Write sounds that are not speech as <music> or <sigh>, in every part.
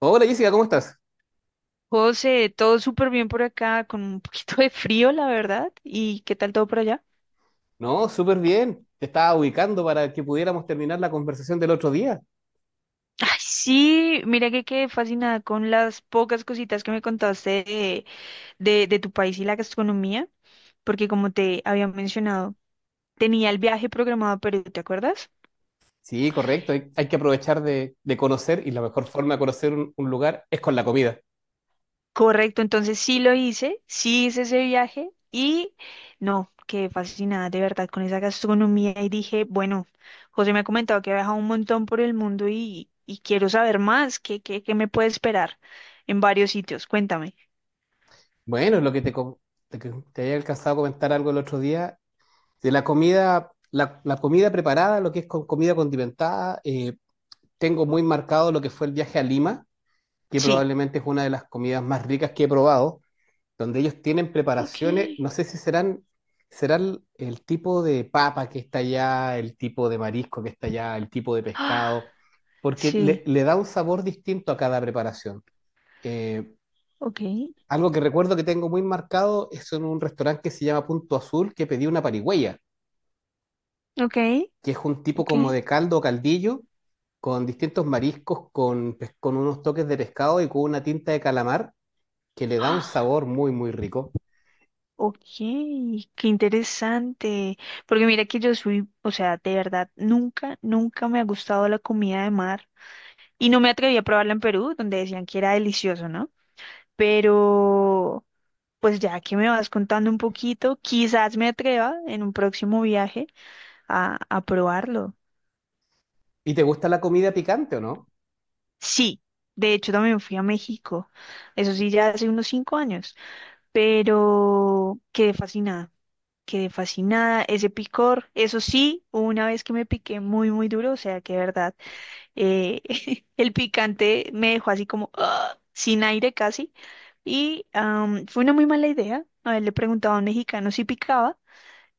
Hola Jessica, ¿cómo estás? José, todo súper bien por acá, con un poquito de frío, la verdad. ¿Y qué tal todo por allá? No, súper bien. Te estaba ubicando para que pudiéramos terminar la conversación del otro día. Ay, sí, mira que quedé fascinada con las pocas cositas que me contaste de tu país y la gastronomía, porque como te había mencionado, tenía el viaje programado a Perú, ¿te acuerdas? Sí, correcto. Hay que aprovechar de conocer, y la mejor forma de conocer un lugar es con la comida. Correcto, entonces sí lo hice, sí hice ese viaje y no, quedé fascinada de verdad con esa gastronomía y dije, bueno, José me ha comentado que ha viajado un montón por el mundo y quiero saber más, ¿qué me puede esperar en varios sitios? Cuéntame. Bueno, lo que te, co- te, que te había alcanzado a comentar algo el otro día de la comida, la comida preparada, lo que es con comida condimentada. Tengo muy marcado lo que fue el viaje a Lima, que Sí. probablemente es una de las comidas más ricas que he probado. Donde ellos tienen Ok. preparaciones, no sé si serán, será el tipo de papa que está allá, el tipo de marisco que está allá, el tipo de Ah, pescado, porque sí. le da un sabor distinto a cada preparación. Eh, Ok. Algo que recuerdo que tengo muy marcado es en un restaurante que se llama Punto Azul, que pedí una parigüeya, Ok. que es un tipo Ok. como de caldo o caldillo, con distintos mariscos, con unos toques de pescado y con una tinta de calamar, que le da un Ah, sabor muy, muy rico. ok, qué interesante. Porque mira que yo soy, o sea, de verdad, nunca, nunca me ha gustado la comida de mar. Y no me atreví a probarla en Perú, donde decían que era delicioso, ¿no? Pero, pues ya que me vas contando un poquito, quizás me atreva en un próximo viaje a probarlo. ¿Y te gusta la comida picante o no? Sí, de hecho también fui a México, eso sí, ya hace unos 5 años, pero quedé fascinada, ese picor, eso sí, hubo una vez que me piqué muy, muy duro, o sea que de verdad, eh, <laughs> el picante me dejó así como ¡ah! Sin aire casi. Y fue una muy mala idea. A él le preguntaba a un mexicano si picaba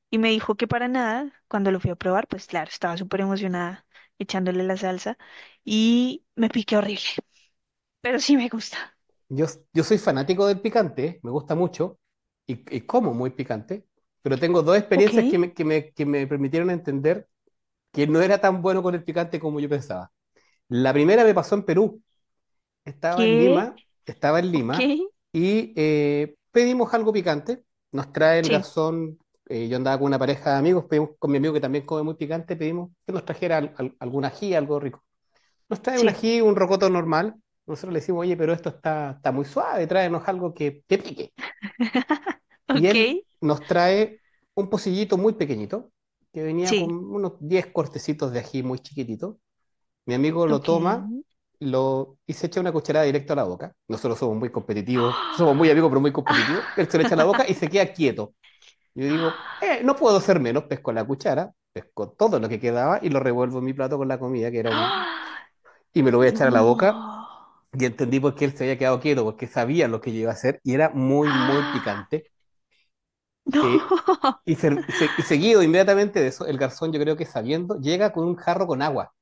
y me dijo que para nada. Cuando lo fui a probar, pues claro, estaba súper emocionada echándole la salsa y me piqué horrible, <laughs> pero sí me gusta. Yo, yo soy fanático del picante, me gusta mucho y como muy picante, pero tengo dos Ok, experiencias que que me permitieron entender que no era tan bueno con el picante como yo pensaba. La primera me pasó en Perú. Estaba en ¿qué? Lima, estaba en Ok, Lima y pedimos algo picante. Nos trae el sí, garzón, yo andaba con una pareja de amigos, pedimos con mi amigo que también come muy picante, pedimos que nos trajera algún ají, algo rico. Nos trae un sí. ají, un rocoto normal. Nosotros le decimos, oye, pero esto está, está muy suave, tráenos algo que pique. <laughs> Y Ok, él nos trae un pocillito muy pequeñito, que venía con sí, unos 10 cortecitos de ají muy chiquitito. Mi amigo lo ok. toma lo, y se echa una cucharada directo a la boca. Nosotros somos muy competitivos, somos muy amigos, <gasps> pero muy competitivos. Él se lo echa a la boca Ah. y se <laughs> queda quieto. Yo digo, no puedo ser menos, pesco la cuchara, pesco todo lo que quedaba y lo revuelvo en mi plato con la comida, que era un... Y me lo voy a echar a la boca. No. Y entendí por qué él se había quedado quieto, porque sabía lo que yo iba a hacer y era muy, muy Ah, picante. Eh, no. y, y <laughs> seguido inmediatamente de eso, el garzón, yo creo que sabiendo, llega con un jarro con agua.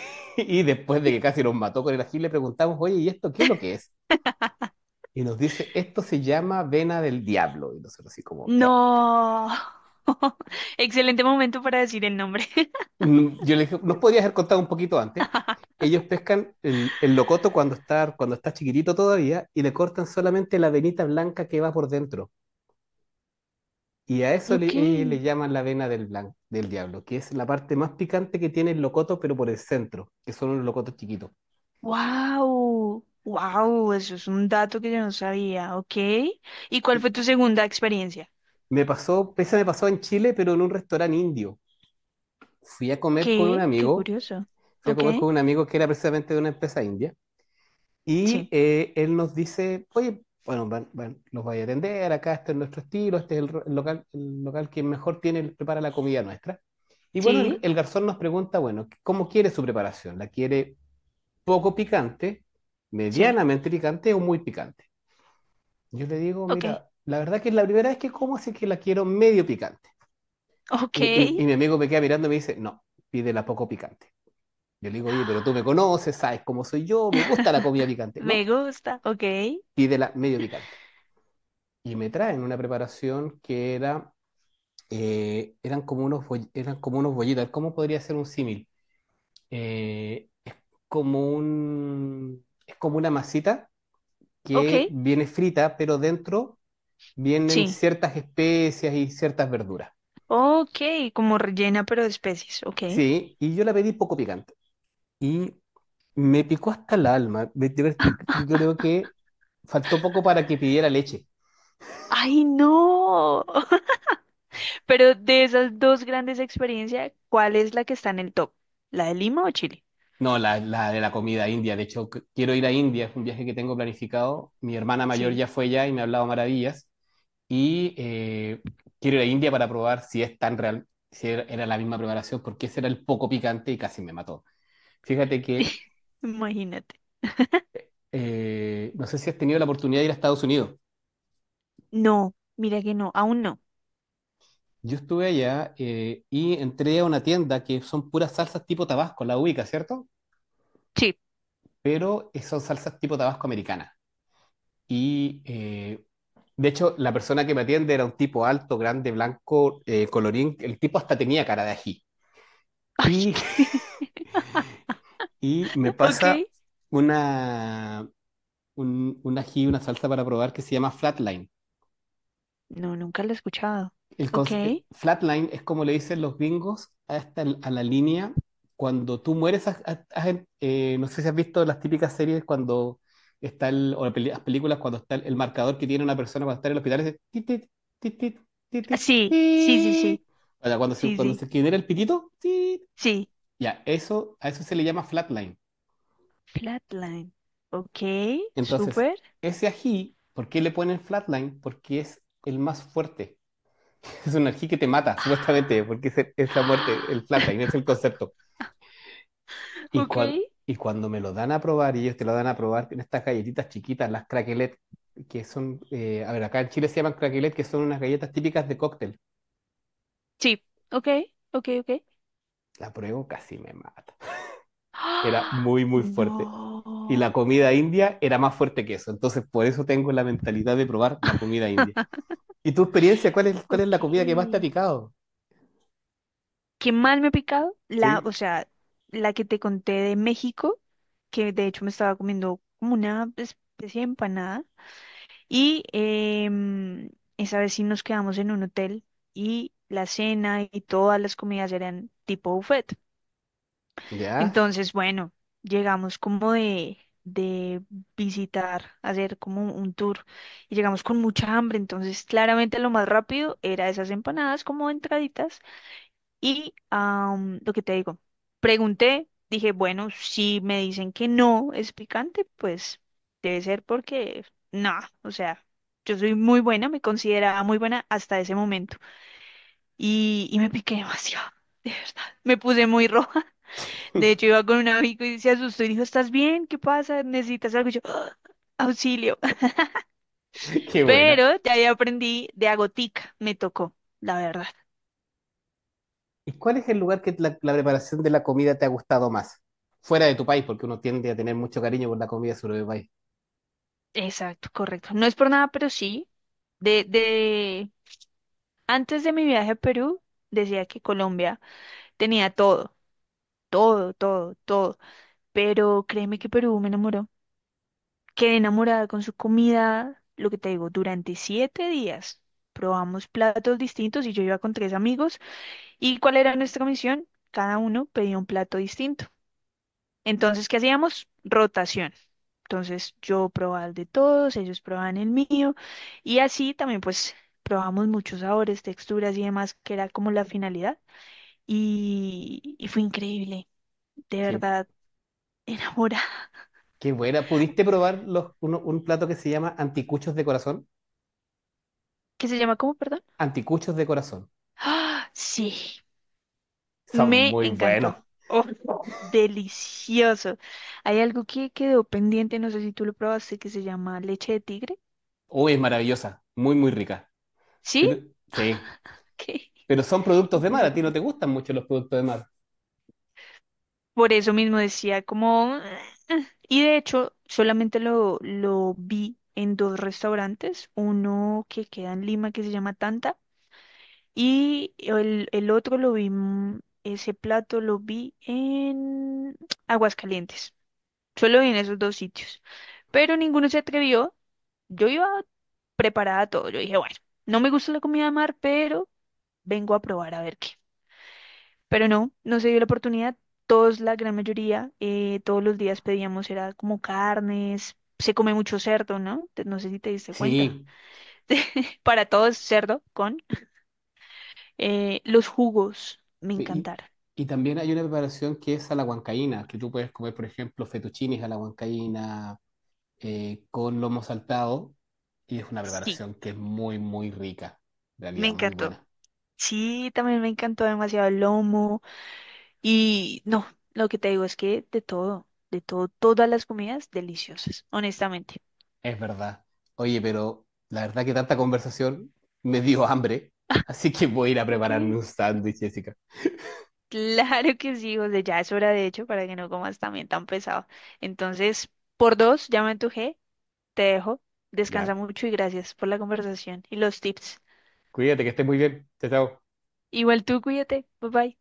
<laughs> Y después de que casi nos mató con el ají, le preguntamos, oye, ¿y esto qué es lo que es? Y nos dice, esto se llama vena del diablo. Y nosotros así como, ¿qué? No. <laughs> Excelente momento para decir el nombre. <laughs> Yo le dije, ¿nos podías haber contado un poquito antes? Ellos pescan el locoto cuando está chiquitito todavía y le cortan solamente la venita blanca que va por dentro. Y a eso Ok. le, le llaman la vena del diablo, que es la parte más picante que tiene el locoto, pero por el centro, que son los locotos chiquitos. Wow. Wow, eso es un dato que yo no sabía, ¿ok? ¿Y cuál Y fue tu segunda experiencia? me pasó, pese me pasó en Chile, pero en un restaurante indio. Fui a comer con un ¿Qué? Qué amigo, curioso. fui a ¿Ok? comer con un amigo que era precisamente de una empresa india, y Sí, él nos dice, oye, bueno, los voy a atender, acá este es nuestro estilo, este es el local que mejor tiene, prepara la comida nuestra. Y bueno, sí, el garzón nos pregunta, bueno, ¿cómo quiere su preparación? ¿La quiere poco picante, sí. medianamente picante o muy picante? Yo le digo, Ok, mira, la verdad que es la primera vez que como, así que la quiero medio picante. ok. Y mi amigo me queda mirando y me dice, no, pídela poco picante. Yo le digo, oye, pero tú me conoces, sabes cómo soy yo, me gusta la comida <laughs> picante. Me No, gusta, ¿ok? pídela medio picante. Y me traen una preparación que era, eran como eran como unos bollitos. ¿Cómo podría ser un símil? Eh, Como un, es como una masita ¿Ok? que viene frita, pero dentro vienen Sí. ciertas especias y ciertas verduras. Ok, como rellena pero de especies, ¿ok? Sí, y yo la pedí poco picante. Y me picó hasta el alma. Yo, <laughs> yo creo que faltó poco para que pidiera leche. ¡Ay, no! <laughs> Pero de esas dos grandes experiencias, ¿cuál es la que está en el top? ¿La de Lima o Chile? No, la de la comida india. De hecho, quiero ir a India. Es un viaje que tengo planificado. Mi hermana mayor Sí, ya fue ya y me ha hablado maravillas. Y quiero ir a India para probar si es tan real, si era la misma preparación, porque ese era el poco picante y casi me mató. Fíjate que <laughs> imagínate. No sé si has tenido la oportunidad de ir a Estados Unidos. No, mira que no, aún no. Yo estuve allá y entré a una tienda que son puras salsas tipo Tabasco, la ubica, ¿cierto? Sí. Pero son salsas tipo Tabasco americana. Y de hecho, la persona que me atiende era un tipo alto, grande, blanco, colorín. El tipo hasta tenía cara de ají. Y, <laughs> <laughs> y me Ay, ¿qué? pasa Ok. una, un ají, una salsa para probar que se llama Flatline. No, nunca lo he escuchado. Ok. Flatline es como le dicen los gringos a, a la línea cuando tú mueres. No sé si has visto las típicas series cuando está el, o las películas cuando está el marcador que tiene una persona cuando está en el hospital. Es tit, tit, tit, tit, tit, Ah, tit, sí, sí, sí, tit. sí, O sea, sí, cuando sí, se genera el pitito, tit. sí. Ya, eso, a eso se le llama flatline. Flatline. Ok, Entonces, súper. ese ají, ¿por qué le ponen flatline? Porque es el más fuerte. Es una energía que te mata, supuestamente, Ah. porque es la muerte, el plata, y ese es <gasps> el concepto. Y, Ok. Y cuando me lo dan a probar, y ellos te lo dan a probar en estas galletitas chiquitas, las craquelet, que son, a ver, acá en Chile se llaman craquelet, que son unas galletas típicas de cóctel. Sí, ok, ok, ok. <gasps> La pruebo, casi me mata. Era Ah, muy, muy fuerte. no. Y la comida india era más fuerte que eso. Entonces, por eso tengo la mentalidad de probar la comida india. <laughs> ¿Y tu experiencia? ¿Cuál es la Ok. comida que más te ha picado? Que más me ha picado, la, o ¿Sí? sea, la que te conté de México, que de hecho me estaba comiendo como una especie de empanada. Y esa vez sí nos quedamos en un hotel y la cena y todas las comidas eran tipo buffet. ¿Ya? Entonces, bueno, llegamos como de visitar, hacer como un tour y llegamos con mucha hambre. Entonces, claramente lo más rápido era esas empanadas como entraditas y lo que te digo, pregunté, dije, bueno, si me dicen que no es picante, pues debe ser porque no, o sea, yo soy muy buena, me consideraba muy buena hasta ese momento. Y me piqué demasiado, <laughs> de verdad. Me puse muy roja. <laughs> De hecho, <laughs> iba con un amigo y se asustó y dijo, ¿estás bien? ¿Qué pasa? ¿Necesitas algo? Y yo, <gasps> "¡Ah, auxilio!" <laughs> Qué buena. Pero ya ahí aprendí de agotica, me tocó, la verdad. ¿Y cuál es el lugar que la preparación de la comida te ha gustado más? Fuera de tu país, porque uno tiende a tener mucho cariño por la comida de su propio país. Exacto, correcto. No es por nada, pero sí. De, de, Antes de mi viaje a Perú, decía que Colombia tenía todo, todo, todo, todo. Pero créeme que Perú me enamoró. Quedé enamorada con su comida, lo que te digo, durante 7 días. Probamos platos distintos y yo iba con tres amigos. ¿Y cuál era nuestra misión? Cada uno pedía un plato distinto. Entonces, ¿qué hacíamos? Rotación. Entonces, yo probaba el de todos, ellos probaban el mío. Y así también, pues, probamos muchos sabores, texturas y demás, que era como la finalidad. Y fue increíble, de Qué, verdad, <laughs> enamorada. Qué buena. ¿Pudiste probar un plato que se llama anticuchos de corazón? ¿Qué se llama? ¿Cómo, perdón? Anticuchos de corazón. ¡Ah! Sí, Son me muy encantó. buenos. Oh, <laughs> delicioso. Hay algo que quedó pendiente, no sé si tú lo probaste, que se llama leche de tigre. Uy, es maravillosa. Muy, muy rica. ¿Sí? Pero, <laughs> sí. Ok. Pero son productos de mar. Ese A que ti no pa- te gustan mucho los productos de mar. Por eso mismo decía como "ah". Y de hecho, solamente lo vi en dos restaurantes, uno que queda en Lima que se llama Tanta. Y el otro lo vi, ese plato lo vi en Aguascalientes. Solo vi en esos dos sitios. Pero ninguno se atrevió. Yo iba preparada a todo. Yo dije, bueno, no me gusta la comida de mar, pero vengo a probar a ver qué. Pero no, no se dio la oportunidad. Todos, la gran mayoría, todos los días pedíamos, era como carnes. Se come mucho cerdo, ¿no? No sé si te diste cuenta. Sí. <laughs> Para todos, cerdo con los jugos. Me Y, encantaron. y también hay una preparación que es a la huancaína, que tú puedes comer, por ejemplo, fettuccines a la huancaína con lomo saltado, y es una Sí, preparación que es muy, muy rica, en me realidad, muy encantó. buena. Sí, también me encantó demasiado el lomo. Y no, lo que te digo es que de todo, todas las comidas deliciosas, honestamente. Es verdad. Oye, pero la verdad que tanta conversación me dio hambre, así que voy a ir a Ok, prepararme un <laughs> sándwich, Jessica. claro que sí, José, ya es hora de hecho para que no comas también tan pesado. Entonces, por dos, ya me antojé, te dejo. Descansa Ya, mucho y gracias por la conversación y los tips. cuídate, que estés muy bien. Chao, chao. Igual tú, cuídate. Bye bye.